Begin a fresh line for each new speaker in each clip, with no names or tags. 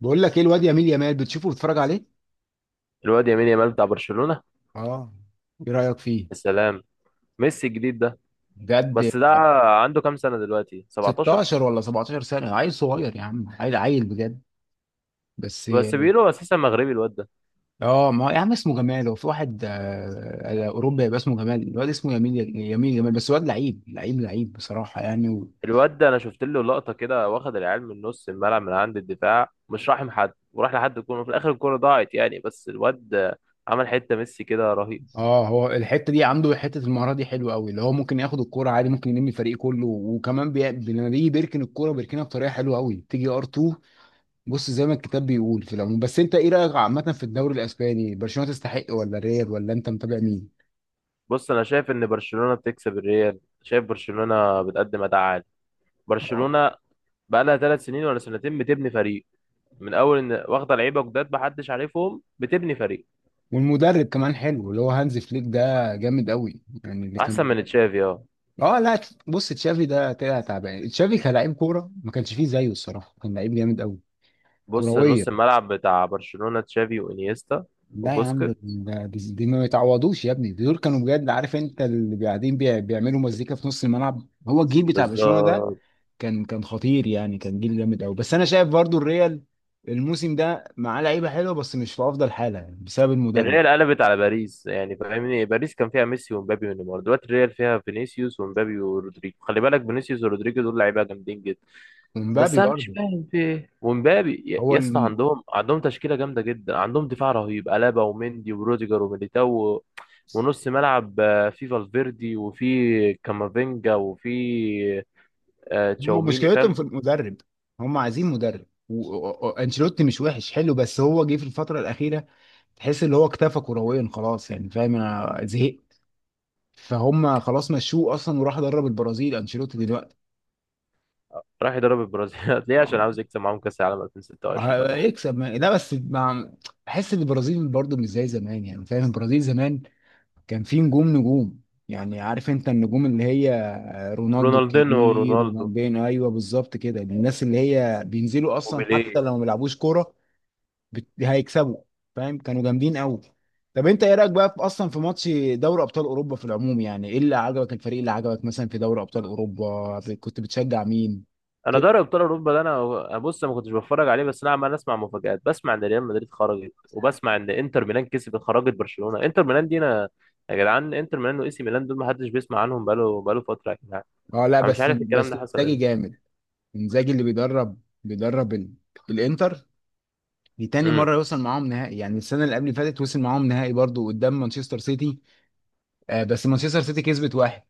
بقول لك ايه الواد يميل يمال بتشوفه بتتفرج عليه.
الواد يمين يامال بتاع برشلونة.
اه. ايه رأيك فيه؟
يا سلام، ميسي الجديد ده.
بجد؟
بس ده عنده كام سنة دلوقتي؟ 17.
16 ولا 17 سنة، عيل صغير يا عم، عيل بجد. بس.
بس بيقولوا اساسا مغربي الواد ده.
اه، ما يا عم اسمه جمال، هو في واحد اوروبا يبقى اسمه جمال، الواد اسمه يميل، جمال، بس الواد لعيب لعيب بصراحة يعني
انا شفت له لقطة كده، واخد العيال من نص الملعب من عند الدفاع، مش راحم حد وراح لحد الكورة، في الاخر الكورة ضاعت يعني، بس الواد عمل حتة ميسي كده رهيب.
اه، هو الحتة دي، عنده حتة المهارة دي حلوة قوي، اللي هو ممكن ياخد الكورة عادي، ممكن يلم الفريق كله، وكمان لما بيجي بيركن الكورة بيركنها بطريقة حلوة قوي، تيجي ار2. بص زي ما الكتاب بيقول في العموم، بس انت ايه رايك عامه في الدوري الاسباني، برشلونه تستحق ولا ريال، ولا انت متابع مين؟
بص، انا شايف ان برشلونة بتكسب الريال، شايف برشلونة بتقدم اداء عالي.
آه.
برشلونة بقالها ثلاث سنين ولا سنتين بتبني فريق، من اول ان واخده لعيبه جداد محدش عارفهم بتبني فريق.
والمدرب كمان حلو، اللي هو هانز فليك ده جامد قوي يعني، اللي كان
احسن من
بيدرب.
تشافي، اه.
اه لا. بص، تشافي ده طلع تعبان، تشافي كلاعب كوره ما كانش فيه زيه الصراحه، كان لعيب جامد قوي.
بص،
كرويا.
نص الملعب بتاع برشلونة تشافي وانيستا
لا يا عم،
وبوسكيت.
دي ما يتعوضوش يا ابني، دول كانوا بجد، عارف انت اللي قاعدين بيعملوا مزيكا في نص الملعب، هو الجيل بتاع برشلونه ده
بالظبط.
كان خطير يعني، كان جيل جامد قوي. بس انا شايف برضو الريال الموسم ده معاه لعيبه حلوه، بس مش في افضل حاله يعني، بسبب المدرب.
الريال قلبت على باريس يعني، فاهمني؟ باريس كان فيها ميسي ومبابي ونيمار، دلوقتي الريال فيها فينيسيوس ومبابي ورودريجو. خلي بالك، فينيسيوس ورودريجو دول لعيبه جامدين جدا. بس
ومبابي
انا مش
برضو.
فاهم في ايه ومبابي، يا
هو
يا اسطى
الم...
عندهم تشكيله جامده جدا، عندهم دفاع رهيب، الابا ومندي وروديجر وميليتاو و- ونص ملعب في فالفيردي وفي كامافينجا وفي
هم
تشاوميني،
مشكلتهم
فاهم.
في المدرب، هم عايزين مدرب، وانشيلوتي مش وحش، حلو، بس هو جه في الفتره الاخيره، تحس ان هو اكتفى كرويا خلاص يعني، فاهم؟ انا زهقت. فهم خلاص مشوه اصلا، وراح درب البرازيل انشيلوتي دلوقتي.
راح يضرب البرازيل ليه؟ عشان
اه.
عاوز يكسب معاهم كاس العالم 2026 ولا حاجه.
هيكسب ما... لا بس مع... بحس ان البرازيل برضو مش زي زمان يعني، فاهم؟ البرازيل زمان كان في نجوم، نجوم يعني، عارف انت النجوم اللي هي رونالدو
رونالدينو
الكبير،
ورونالدو
رونالدينho، ايوه بالظبط كده، الناس اللي هي بينزلوا اصلا حتى
وبيليه.
لو ما بيلعبوش كوره. هيكسبوا، فاهم؟ كانوا جامدين قوي. طب انت ايه رايك بقى في اصلا في ماتش دوري ابطال اوروبا في العموم؟ يعني ايه اللي عجبك، الفريق اللي عجبك مثلا في دوري ابطال اوروبا، كنت بتشجع مين؟
انا
كده.
دوري ابطال اوروبا ده انا، بص، ما كنتش بتفرج عليه، بس انا عمال اسمع مفاجآت، بسمع ان ريال مدريد خرجت، وبسمع ان انتر ميلان كسبت، خرجت برشلونه. انتر ميلان دي انا، يا جدعان انتر ميلان واي سي ميلان دول ما حدش بيسمع عنهم بقاله فتره يا جدعان.
اه لا،
انا مش
بس
عارف الكلام
بس
ده حصل
انزاجي
امتى.
جامد. انزاجي اللي بيدرب الانتر، دي تاني
امم.
مرة يوصل معاهم نهائي يعني، السنة اللي قبل اللي فاتت وصل معاهم نهائي برضو قدام مانشستر سيتي. آه، بس مانشستر سيتي كسبت واحد.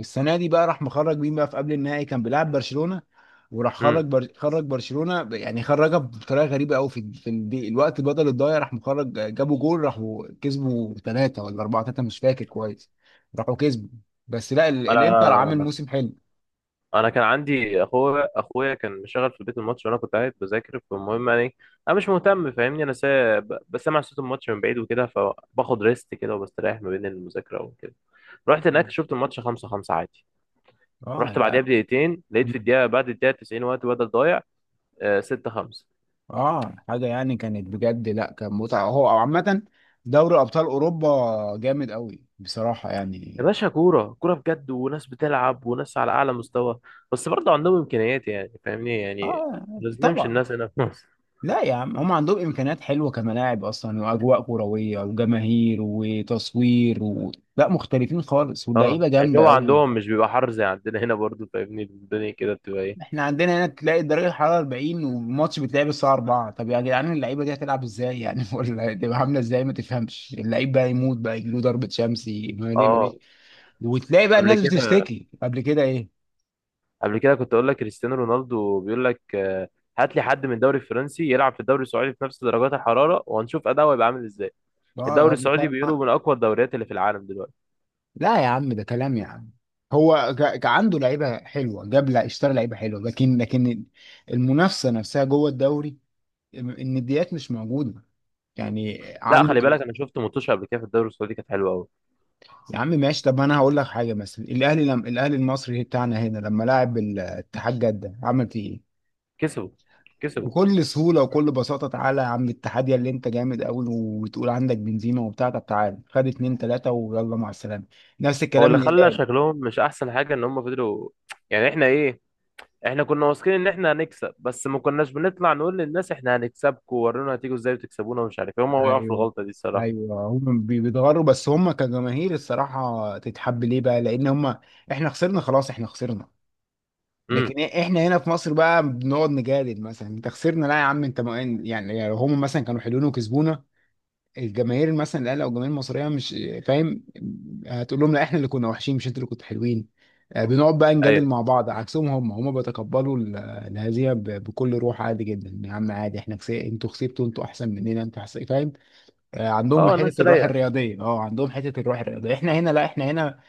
السنة دي بقى راح مخرج مين بقى، في قبل النهائي كان بيلعب برشلونة،
امم.
خرج برشلونة يعني خرجها بطريقة غريبة قوي، في في الوقت بدل الضايع راح مخرج، جابوا جول، راحوا كسبوا ثلاثة ولا أربعة، ثلاثة مش فاكر كويس. راحوا كسبوا. بس لا ال... الإنتر عامل
انا
موسم حلو.
انا كان عندي اخويا، اخويا كان مشغل في البيت الماتش، وانا كنت قاعد بذاكر، فالمهم يعني انا مش مهتم، فاهمني؟ بسمع صوت الماتش من بعيد وكده، فباخد ريست كده وبستريح ما بين المذاكره وكده. رحت هناك، شفت الماتش 5-5 عادي. رحت
اه
بعديها بدقيقتين لقيت
لا،
في الدقيقه، بعد الدقيقه 90 وقت بدل ضايع، 6-5.
اه، حاجه يعني كانت بجد، لا كان متعه هو او عامه دوري ابطال اوروبا جامد قوي بصراحه
يا
يعني.
باشا، كوره كوره بجد، وناس بتلعب وناس على اعلى مستوى. بس برضه عندهم امكانيات يعني، فاهمني يعني؟
اه.
ما نظلمش
طبعا.
الناس هنا في مصر.
لا يا عم، هم عندهم امكانيات حلوه، كملاعب اصلا، واجواء كرويه، وجماهير، وتصوير، لا مختلفين خالص،
اه،
واللعيبه جامده
الجو
قوي.
عندهم مش بيبقى حر زي عندنا هنا برضو، فاهمني؟ الدنيا كده بتبقى ايه.
احنا عندنا هنا تلاقي درجه الحراره 40، والماتش بيتلعب الساعه 4، طب يا جدعان اللعيبه دي هتلعب ازاي يعني؟ ولا هتبقى عامله ازاي؟ ما تفهمش اللعيب بقى يموت بقى، يجيله ضربه شمس، ما ليه ما
اه.
ليه. وتلاقي بقى
قبل
الناس
كده،
بتشتكي قبل كده، ايه.
قبل كده كنت اقول لك كريستيانو رونالدو بيقول لك هات لي حد من الدوري الفرنسي يلعب في الدوري السعودي في نفس درجات الحراره، وهنشوف اداؤه هيبقى عامل ازاي.
اه،
الدوري السعودي بيقولوا من اقوى الدوريات اللي في العالم دلوقتي.
لا يا عم ده كلام يا عم، عنده لعيبه حلوه، جاب لا اشترى لعيبه حلوه، لكن المنافسه نفسها جوه الدوري، النديات مش موجوده يعني،
لا
عنده
خلي بالك،
كريز.
انا شفت ماتش قبل كده في الدوري السعودي كانت حلوه قوي.
يا عم ماشي، طب انا هقول لك حاجه، مثلا الاهلي لم الاهلي المصري بتاعنا هنا، لما لعب الاتحاد جده عمل فيه ايه؟
كسبوا. كسبوا.
بكل سهولة وكل بساطة. تعالى يا عم اتحاد يا اللي انت جامد قوي وتقول عندك بنزيما وبتاع، طب تعالى خد اتنين تلاتة ويلا مع السلامة. نفس
هو
الكلام
اللي خلى
الهلال.
شكلهم مش احسن حاجه ان هم فضلوا يعني. احنا ايه؟ احنا كنا واثقين ان احنا هنكسب، بس ما كناش بنطلع نقول للناس احنا هنكسبكم ورونا هتيجوا ازاي وتكسبونا ومش عارف ايه. هم وقعوا في
ايوه،
الغلطه دي الصراحه.
ايوه هم بيتغروا، بس هم كجماهير الصراحة تتحب، ليه بقى؟ لان هم، احنا خسرنا خلاص، احنا خسرنا،
امم.
لكن احنا هنا في مصر بقى بنقعد نجادل، مثلا انت خسرنا، لا يا عم انت ما يعني، يعني هم مثلا كانوا حلوين وكسبونا، الجماهير مثلا الاهلي او الجماهير المصريه مش فاهم، هتقول لهم لا احنا اللي كنا وحشين، مش انتوا اللي كنتوا حلوين. بنقعد بقى نجادل
ايوه.
مع بعض، عكسهم، هم بيتقبلوا الهزيمه بكل روح، عادي جدا يا عم، عادي، انتوا كسبتوا، انتوا احسن مننا، انتوا احسن، فاهم؟ عندهم
اه،
حته
ناس
الروح
رايقه.
الرياضيه. اه عندهم حته الروح الرياضيه، احنا هنا لا، احنا هنا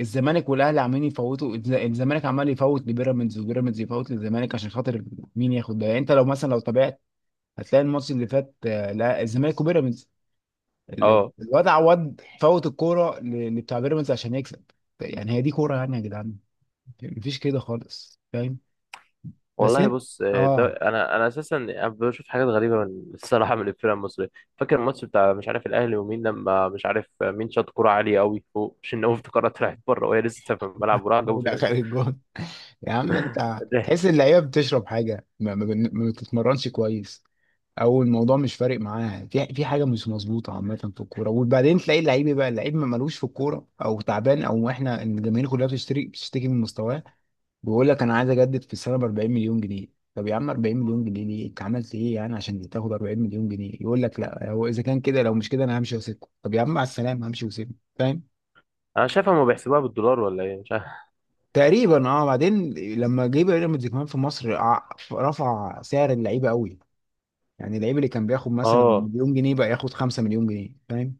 الزمالك والاهلي عمالين يفوتوا الزمالك عمال يفوت لبيراميدز، وبيراميدز يفوت للزمالك، عشان خاطر مين ياخد ده يعني؟ انت لو مثلا لو تابعت، هتلاقي الماتش اللي فات، آه، لا الزمالك وبيراميدز،
اه
الواد عواد فوت الكوره لبتاع بيراميدز عشان يكسب. يعني هي دي كوره يعني يا جدعان؟ مفيش كده خالص، فاهم؟ بس
والله.
انت،
بص ده
اه،
انا، اساسا بشوف حاجات غريبه من الصراحه من الفرق المصريه. فاكر الماتش بتاع مش عارف الاهلي ومين؟ لما مش عارف مين شاط كوره عاليه قوي فوق شناوي، افتكرها طلعت بره وهي لسه في الملعب، وراح
هو
جابوا
ده
فينا
اخر
جول.
الجون. يا عم انت
ضحك.
تحس اللعيبه بتشرب حاجه، ما بتتمرنش كويس، او الموضوع مش فارق معاها، في في حاجه مش مظبوطه عامه في الكوره، وبعدين تلاقي اللعيب إيه بقى، اللعيب ما مالوش في الكوره او تعبان، او احنا الجماهير كلها بتشتكي من مستواه، بيقول لك انا عايز اجدد في السنه ب 40 مليون جنيه، طب يا عم 40 مليون جنيه ليه، انت عملت ايه يعني عشان تاخد 40 مليون جنيه؟ يقول لك لا هو اذا كان كده، لو مش كده انا همشي واسيبكم، طب يا عم مع السلامه همشي واسيبكم، فاهم؟
انا شايفها ما بيحسبوها بالدولار ولا ايه، مش عارف.
تقريبا اه. بعدين لما جه بيراميدز كمان في مصر، رفع سعر اللعيبه قوي، يعني اللعيب اللي كان بياخد مثلا
اه.
مليون جنيه بقى ياخد 5 مليون جنيه، فاهم؟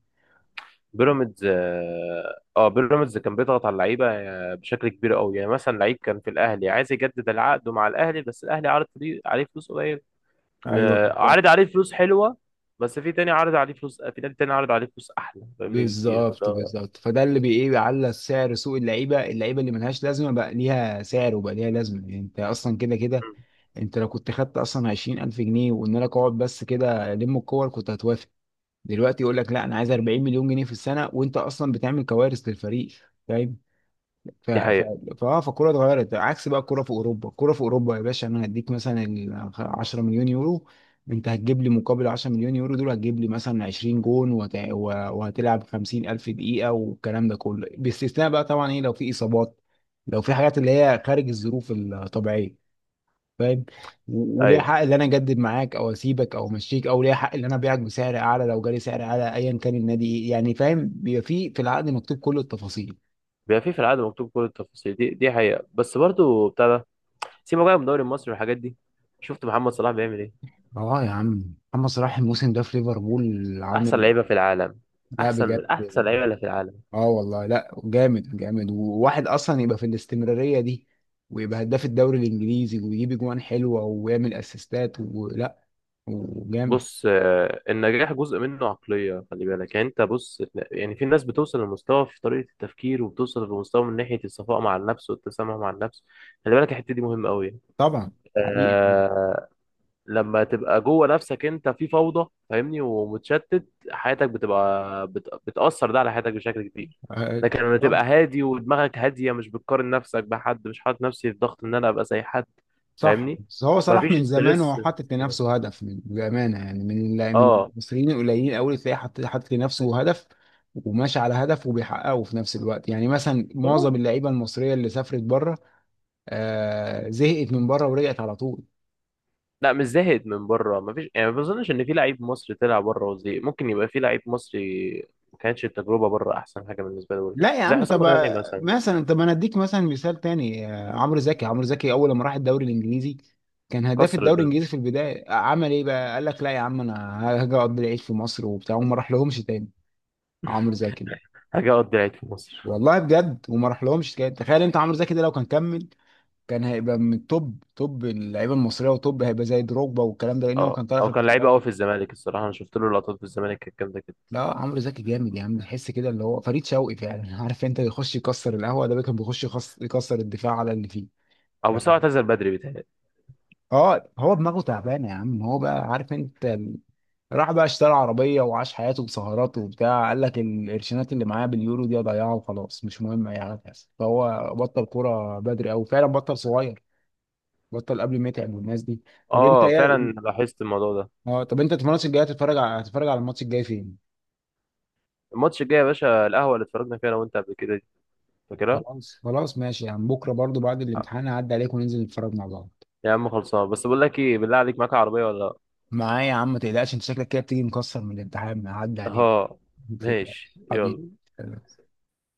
بيراميدز، اه، بيراميدز كان بيضغط على اللعيبه بشكل كبير قوي. يعني مثلا لعيب كان في الاهلي عايز يجدد العقد مع الاهلي، بس الاهلي عليه فلوس قليل، م-
ايوه، بالظبط
عارض عليه فلوس حلوه، بس في تاني عارض عليه فلوس، في نادي تاني عارض عليه فلوس احلى، فاهمني؟ بكتير.
بالظبط
فده،
بالظبط، فده اللي بي ايه، بيعلى سعر سوق اللعيبه، اللعيبه اللي ملهاش لازمه بقى ليها سعر، وبقى ليها لازمه، يعني انت اصلا كده كده،
مم.
انت لو كنت خدت اصلا عشرين الف جنيه، وان انا اقعد بس كده الم الكور كنت هتوافق، دلوقتي يقول لك لا انا عايز 40 مليون جنيه في السنه، وانت اصلا بتعمل كوارث للفريق، فاهم؟ ف
دي
ف
حقيقه.
فاه فالكوره اتغيرت، عكس بقى الكوره في اوروبا، الكوره في اوروبا يا باشا، انا هديك مثلا ال 10 مليون يورو، انت هتجيب لي مقابل 10 مليون يورو دول، هتجيب لي مثلا 20 جون وهتلعب 50 الف دقيقه، والكلام ده كله باستثناء بقى طبعا ايه، لو في اصابات، لو في حاجات اللي هي خارج الظروف الطبيعيه، فاهم؟ وليه
ايوه.
حق ان انا اجدد معاك او اسيبك او امشيك، او ليه حق ان انا ابيعك بسعر اعلى لو جالي سعر اعلى ايا كان النادي، ايه يعني؟ فاهم، بيبقى في في العقد مكتوب كل التفاصيل.
بيبقى في في العقد مكتوب كل التفاصيل. دي دي حقيقه. بس برضو بتاع ده، سيبك بقى من الدوري المصري والحاجات دي. شفت محمد صلاح بيعمل ايه؟
اه يا عم محمد صلاح الموسم ده في ليفربول
احسن
عامل.
لعيبه في العالم.
لا
احسن
بجد.
من احسن لعيبه اللي في العالم.
اه والله لا، جامد جامد، وواحد اصلا يبقى في الاستمراريه دي، ويبقى هداف الدوري الانجليزي، ويجيب اجوان حلوه، ويعمل اسيستات ولا، وجامد.
بص النجاح جزء منه عقلية، خلي بالك، يعني انت بص، يعني في ناس بتوصل لمستوى في طريقة التفكير، وبتوصل لمستوى من ناحية الصفاء مع النفس والتسامح مع النفس. خلي بالك الحتة دي مهمة قوي.
طبعا. حقيقي.
آه. لما تبقى جوه نفسك انت في فوضى، فاهمني؟ ومتشتت، حياتك بتبقى بتأثر ده على حياتك بشكل كبير.
آه،
لكن لما
طبعا.
تبقى هادي ودماغك هادية، مش بتقارن نفسك بحد، مش حاطط نفسي في ضغط ان انا ابقى زي حد،
صح،
فاهمني؟
بس هو صلاح
مفيش
من زمان
ستريس
هو حاطط
كده.
لنفسه هدف، من بأمانة يعني، من من
اه
المصريين القليلين قوي تلاقيه حاطط، حاطط لنفسه هدف، وماشي على هدف وبيحققه في نفس الوقت، يعني مثلا معظم
والله.
اللعيبة المصرية اللي سافرت بره، آه زهقت من بره ورجعت على طول.
لا مش زاهد من بره، ما فيش يعني، ما بظنش ان في لعيب مصري طلع بره وزي، ممكن يبقى في لعيب مصري ما كانتش التجربه بره احسن حاجه بالنسبه له.
لا يا
زي
عم طب.
حسام غالي مثلا.
مثلا، طب انا اديك مثلا مثال تاني، عمرو زكي، عمرو زكي اول ما راح الدوري الانجليزي كان هداف
كسر
الدوري
الدنيا،
الانجليزي في البدايه، عمل ايه بقى؟ قال لك لا يا عم انا هاجي اقضي العيد في مصر وبتاع، وما راح لهمش تاني. عمرو زكي،
حاجه. قضي لعيب في مصر.
والله بجد، وما راح لهمش، تخيل انت عمرو زكي ده لو كان كمل، كان هيبقى من التوب توب اللعيبه المصريه، وتوب هيبقى زي دروجبا والكلام ده، لان هو
اه،
كان طالع في
او كان لعيب
الفترات
قوي
دي.
في الزمالك الصراحه، انا شفت له لقطات في الزمالك كانت جامده كده.
لا عمرو زكي جامد يا عم، تحس كده اللي هو فريد شوقي فعلا عارف انت، يخش يكسر القهوه ده، كان بيخش يكسر الدفاع على اللي فيه
او بس هو
بقى.
اعتزل بدري، بيتهيألي.
اه هو دماغه تعبانه يا عم، هو بقى، عارف انت راح بقى اشترى عربيه وعاش حياته بسهرات وبتاع، قال لك القرشينات اللي معايا باليورو دي اضيعها وخلاص، مش مهم اي حاجه تحصل، فهو بطل كوره بدري، او فعلا بطل صغير، بطل قبل ما يتعب، والناس دي. طب انت
اه
يا،
فعلا، لاحظت الموضوع ده.
اه، طب انت في الماتش الجاي هتتفرج على، هتتفرج على الماتش الجاي فين؟
الماتش الجاي يا باشا؟ القهوه اللي اتفرجنا فيها انا وانت قبل كده دي، فاكرها؟
خلاص خلاص ماشي يا عم، بكره برضو بعد
آه.
الامتحان هعدي عليك وننزل نتفرج مع بعض.
يا عم خلصان، بس بقول لك ايه، بالله عليك، معاك عربيه ولا لا؟
معايا يا عم ما تقلقش، انت شكلك كده بتيجي مكسر من الامتحان، هعدي عليك
اه
ما
ماشي،
تقلقش حبيبي.
يلا.